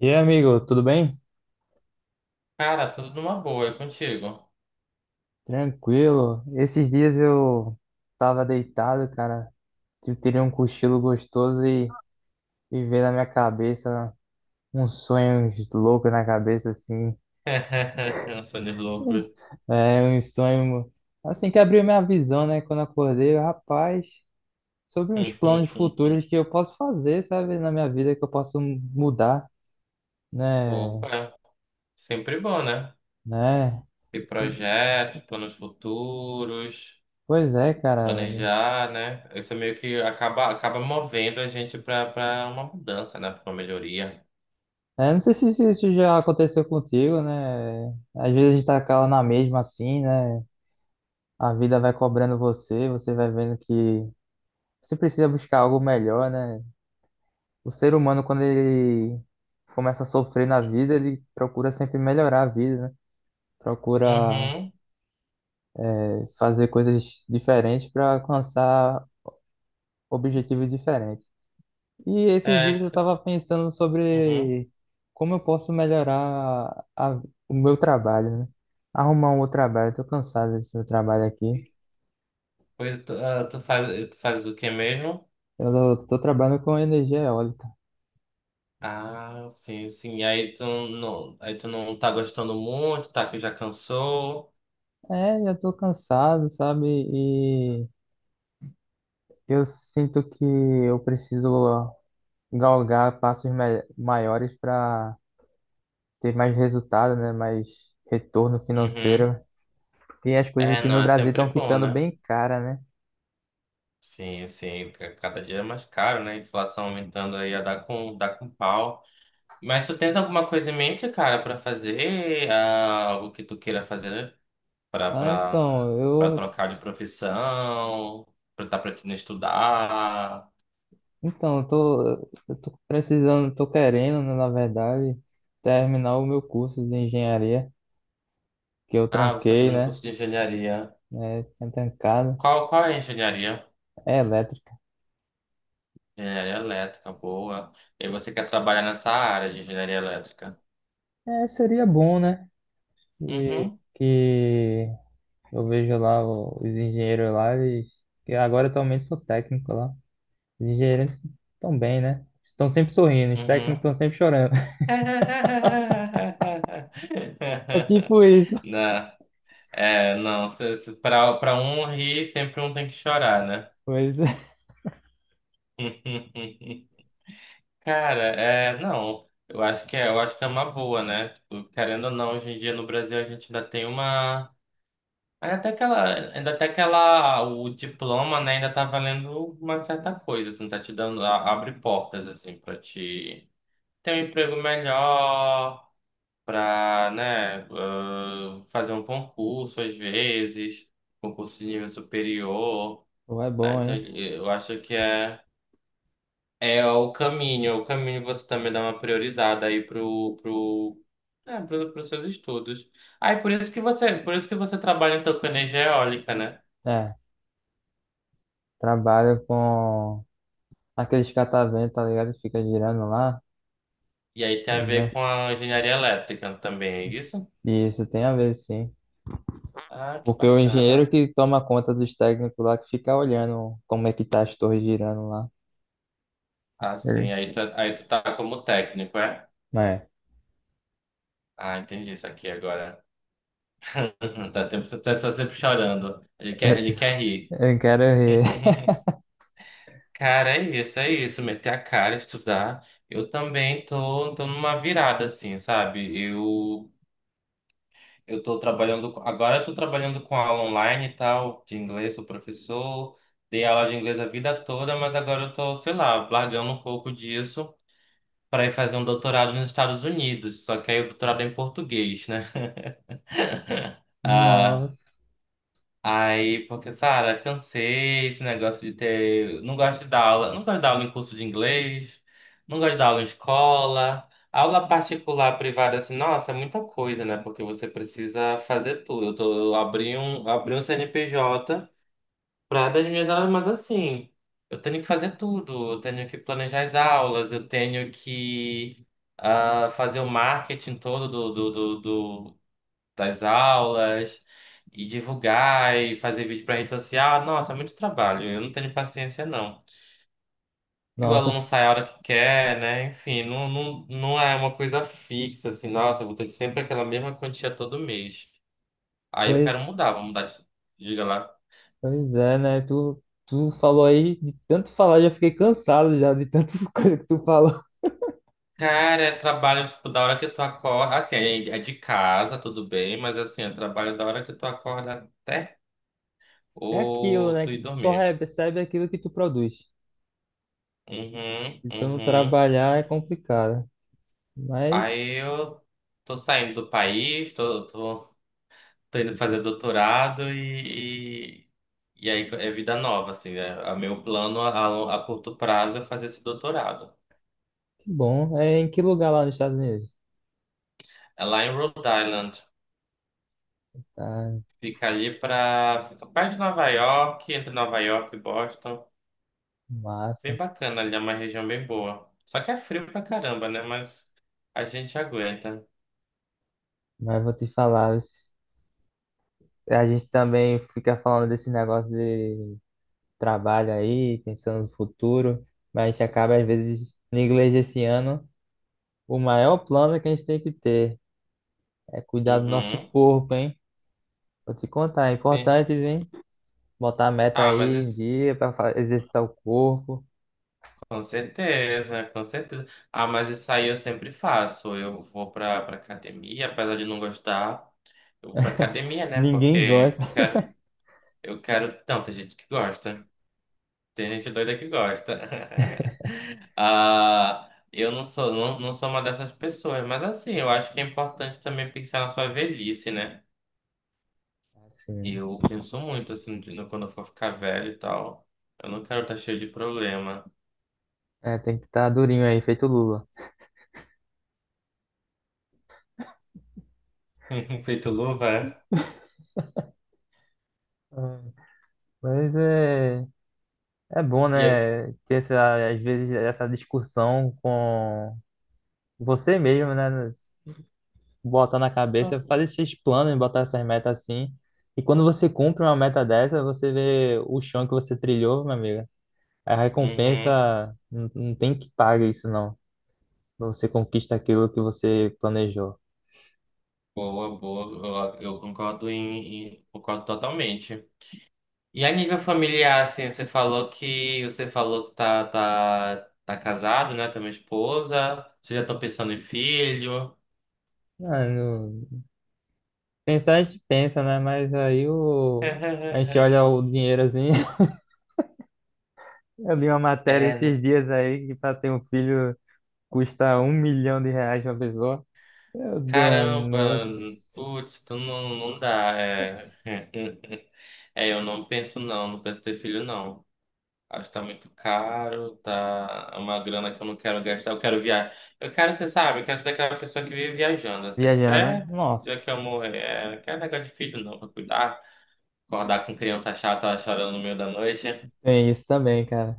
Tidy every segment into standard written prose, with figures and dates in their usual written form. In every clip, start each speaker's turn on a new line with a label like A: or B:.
A: E aí, amigo, tudo bem?
B: Cara, tudo numa boa, e contigo?
A: Tranquilo. Esses dias eu tava deitado, cara. Eu teria um cochilo gostoso e veio na minha cabeça uns sonhos loucos na cabeça, assim.
B: Sonhos loucos.
A: É, um sonho, assim, que abriu minha visão, né? Quando eu acordei, eu, rapaz, sobre uns planos futuros que eu posso fazer, sabe? Na minha vida, que eu posso mudar, né?
B: Opa, sempre bom, né?
A: Né?
B: Ter projetos, planos futuros,
A: Pois é, cara.
B: planejar, né? Isso meio que acaba movendo a gente para uma mudança, né? Para uma melhoria.
A: É, não sei se isso já aconteceu contigo, né? Às vezes a gente tá cala na mesma assim, né? A vida vai cobrando você, você vai vendo que você precisa buscar algo melhor, né? O ser humano, quando ele começa a sofrer na vida, ele procura sempre melhorar a vida, né? Procura
B: Uhum,
A: fazer coisas diferentes para alcançar objetivos diferentes. E esses dias
B: é,
A: eu
B: c-
A: estava pensando
B: uhum.
A: sobre como eu posso melhorar o meu trabalho, né? Arrumar um outro trabalho. Eu tô cansado desse meu trabalho aqui.
B: Pois tu faz o que mesmo?
A: Eu tô trabalhando com energia eólica.
B: Ah, sim, sim. E aí tu não tá gostando muito, tá? Que já cansou.
A: É, já tô cansado, sabe? E eu sinto que eu preciso galgar passos maiores para ter mais resultado, né? Mais retorno
B: Uhum.
A: financeiro. Porque as coisas
B: É,
A: aqui no
B: não, é
A: Brasil
B: sempre
A: estão
B: bom,
A: ficando
B: né?
A: bem caras, né?
B: Sim, sim, cada dia é mais caro, né? Inflação aumentando aí, a dá com pau. Mas tu tens alguma coisa em mente, cara, pra fazer? Ah, algo que tu queira fazer pra,
A: Ah,
B: pra,
A: então,
B: pra
A: eu
B: trocar de profissão? Pra tá pretendendo estudar?
A: Então, eu tô precisando, tô querendo, né, na verdade, terminar o meu curso de engenharia, que eu
B: Ah, você tá
A: tranquei,
B: fazendo
A: né?
B: curso de engenharia.
A: É, tinha trancado.
B: Qual é a engenharia?
A: É elétrica.
B: Engenharia elétrica, boa. E você quer trabalhar nessa área de engenharia elétrica?
A: É, seria bom, né? E
B: Uhum,
A: que eu vejo lá os engenheiros lá, eles, que agora atualmente sou técnico lá. Os engenheiros estão bem, né? Estão sempre sorrindo, os técnicos
B: uhum.
A: estão sempre chorando. É tipo isso.
B: Não, é, não, se- se- pra para um rir, sempre um tem que chorar, né?
A: Pois é.
B: Cara, é, não, eu acho que é uma boa, né? Tipo, querendo ou não, hoje em dia no Brasil a gente ainda tem uma, ainda até aquela, o diploma, né, ainda tá valendo uma certa coisa, assim, tá te dando, abre portas, assim, pra te ter um emprego melhor, para, né, fazer um concurso às vezes, concurso de nível superior,
A: Pô, é
B: né?
A: bom,
B: Então
A: hein?
B: eu acho que é o caminho você também dá uma priorizada aí pro pros seus estudos. Ah, e por isso que você trabalha então com energia eólica, né?
A: É, trabalho com. Aqueles catavento, tá ligado? Fica girando lá,
B: E aí
A: tá
B: tem a ver
A: ligado?
B: com a engenharia elétrica também, é isso?
A: E isso tem a ver, sim.
B: Ah, que
A: Porque o engenheiro
B: bacana.
A: que toma conta dos técnicos lá, que fica olhando como é que tá as torres girando lá.
B: Ah,
A: Ele-
B: sim, aí tu tá como técnico, é?
A: É.
B: Ah, entendi isso aqui agora. Você tá só sempre chorando. Ele quer rir.
A: Eu quero rir.
B: Cara, é isso, é isso. Meter a cara, estudar. Eu também tô numa virada, assim, sabe? Eu Agora eu tô trabalhando com aula online e tal, de inglês, sou professor. Dei aula de inglês a vida toda, mas agora eu tô, sei lá, largando um pouco disso para ir fazer um doutorado nos Estados Unidos. Só que aí o doutorado é em português, né?
A: Nossa,
B: Aí, porque, Sara, cansei esse negócio de ter. Não gosto de dar aula. Não gosto de dar aula em curso de inglês. Não gosto de dar aula em escola. Aula particular, privada, assim, nossa, é muita coisa, né? Porque você precisa fazer tudo. Eu abri um CNPJ para dar as minhas aulas, mas assim, eu tenho que fazer tudo. Eu tenho que planejar as aulas, eu tenho que fazer o marketing todo do das aulas e divulgar e fazer vídeo para rede social. Nossa, é muito trabalho. Eu não tenho paciência, não. E o
A: nossa,
B: aluno sai a hora que quer, né? Enfim, não é uma coisa fixa, assim, nossa, eu vou ter que sempre aquela mesma quantia todo mês. Aí eu
A: pois,
B: quero mudar, vou mudar. Diga lá.
A: pois é, né? Tu falou aí, de tanto falar, já fiquei cansado já de tanta coisa que tu falou.
B: Cara, é trabalho, tipo, da hora que tu acorda. Assim, é de casa, tudo bem, mas assim, é trabalho da hora que tu acorda até
A: É aquilo,
B: ou
A: né?
B: tu
A: Que
B: ir
A: tu só
B: dormir.
A: recebe aquilo que tu produz.
B: Uhum,
A: Se tu não
B: uhum.
A: trabalhar é complicado. Mas
B: Aí eu tô saindo do país, tô indo fazer doutorado e aí é vida nova, assim, né? A meu plano a curto prazo é fazer esse doutorado.
A: que bom, é em que lugar lá nos Estados Unidos?
B: É lá em Rhode Island.
A: Tá,
B: Fica ali pra... Fica perto de Nova York, entre Nova York e Boston. Bem
A: massa.
B: bacana ali, é uma região bem boa. Só que é frio pra caramba, né? Mas a gente aguenta.
A: Mas vou te falar, a gente também fica falando desse negócio de trabalho aí, pensando no futuro, mas a gente acaba, às vezes, negligenciando. O maior plano que a gente tem que ter é cuidar do nosso
B: Uhum.
A: corpo, hein? Vou te contar, é
B: Sim.
A: importante, hein? Botar a meta
B: Ah, mas
A: aí em
B: isso...
A: dia para exercitar o corpo.
B: Com certeza, com certeza. Ah, mas isso aí eu sempre faço. Eu vou pra academia, apesar de não gostar. Eu vou pra academia, né?
A: Ninguém
B: Porque
A: gosta.
B: eu quero. Não, tem gente que gosta. Tem gente doida que gosta. Ah, eu não sou, não, não sou uma dessas pessoas. Mas assim, eu acho que é importante também pensar na sua velhice, né?
A: Assim,
B: Eu penso muito, assim, quando eu for ficar velho e tal. Eu não quero estar cheio de problema.
A: né? É, tem que estar durinho aí, feito Lula.
B: Feito luva, é?
A: É, mas é. É bom,
B: E eu...
A: né, ter essa, às vezes essa discussão com você mesmo, né, botar na cabeça, fazer esses planos, botar essas metas assim. E quando você cumpre uma meta dessa, você vê o chão que você trilhou, meu amigo. A
B: Uhum.
A: recompensa não tem que pagar isso, não. Você conquista aquilo que você planejou.
B: Boa, boa. Eu concordo totalmente. E a nível familiar, assim, você falou que tá, tá, tá casado, né? Tem uma esposa. Você já estão pensando em filho?
A: Ah, não- Pensar a gente pensa, né, mas aí o... a gente olha o dinheiro assim. Eu li uma matéria
B: É, n-
A: esses dias aí que para ter um filho custa R$ 1.000.000 uma pessoa. Meu
B: caramba,
A: danos.
B: putz, tu não, não dá. É. É, eu não penso não, não penso ter filho não. Acho que tá muito caro, tá é uma grana que eu não quero gastar, eu quero viajar. Eu quero, você sabe, eu quero ser daquela pessoa que vive viajando, assim,
A: Viajana.
B: até
A: Nossa.
B: já que eu morrer, é, não quero negócio de filho não, pra cuidar, acordar com criança chata chorando no meio da noite,
A: Tem isso também, cara.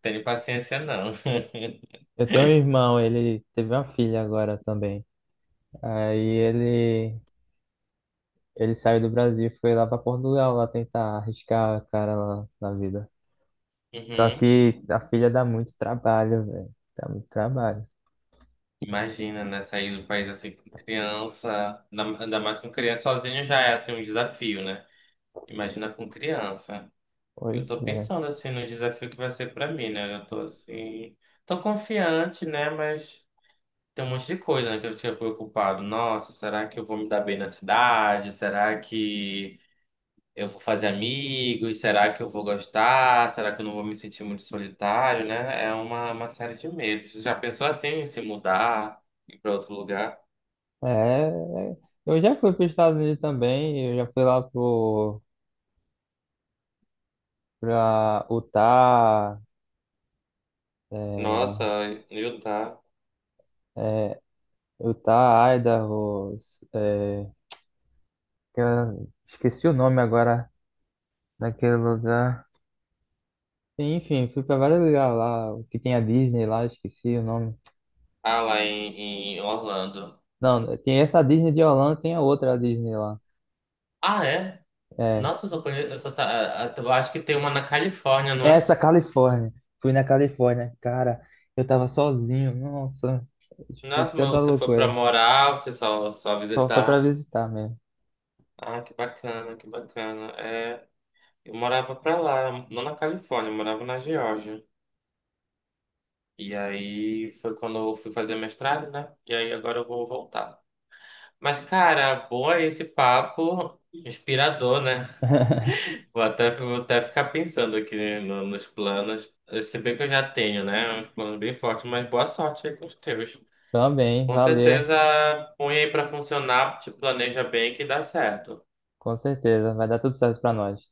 B: tenho paciência não.
A: Eu tenho um irmão, ele teve uma filha agora também. Aí ele saiu do Brasil e foi lá pra Portugal lá tentar arriscar a cara lá na vida. Só
B: Uhum.
A: que a filha dá muito trabalho, velho. Dá muito trabalho.
B: Imagina, né, sair do país assim com criança, ainda mais com criança sozinho já é assim um desafio, né? Imagina com criança. Eu
A: Pois
B: tô
A: é.
B: pensando assim no desafio que vai ser pra mim, né? Eu tô assim, tô confiante, né? Mas tem um monte de coisa, né, que eu tinha preocupado. Nossa, será que eu vou me dar bem na cidade? Será que eu vou fazer amigos? Será que eu vou gostar? Será que eu não vou me sentir muito solitário, né? É uma série de medos. Você já pensou assim em se mudar, ir pra outro lugar?
A: É, é. Eu já fui para os Estados Unidos também. Eu já fui lá pra Utah,
B: Nossa,
A: é,
B: em Utah.
A: é, Utah, Idaho, é, que eu esqueci o nome agora daquele lugar. Enfim, fui pra vários lugares lá, o que tem a Disney lá, esqueci o nome.
B: Ah, lá em, em Orlando.
A: Não, tem essa Disney de Orlando, tem a outra Disney lá.
B: Ah, é?
A: É,
B: Nossa, eu só conheço. Eu, só, sa- a- eu acho que tem uma na Califórnia, não é?
A: essa Califórnia. Fui na Califórnia, cara, eu tava sozinho, nossa, foi
B: Nossa, mas
A: tanta
B: você foi pra
A: loucura.
B: morar, só
A: Só foi pra
B: visitar.
A: visitar mesmo.
B: Ah, que bacana, que bacana. É, eu morava pra lá, não na Califórnia, eu morava na Geórgia. E aí foi quando eu fui fazer mestrado, né? E aí agora eu vou voltar. Mas, cara, boa esse papo inspirador, né? Vou até ficar pensando aqui nos planos. Se bem que eu já tenho, né? Uns planos bem fortes, mas boa sorte aí com os teus.
A: Também,
B: Com
A: valeu,
B: certeza, põe aí pra funcionar, te planeja bem que dá certo.
A: com certeza, vai dar tudo certo pra nós.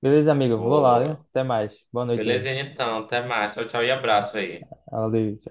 A: Beleza, amigo, vou lá, viu?
B: Boa.
A: Até mais, boa noite aí.
B: Belezinha então, até mais. Tchau, tchau e abraço aí.
A: Valeu, tchau.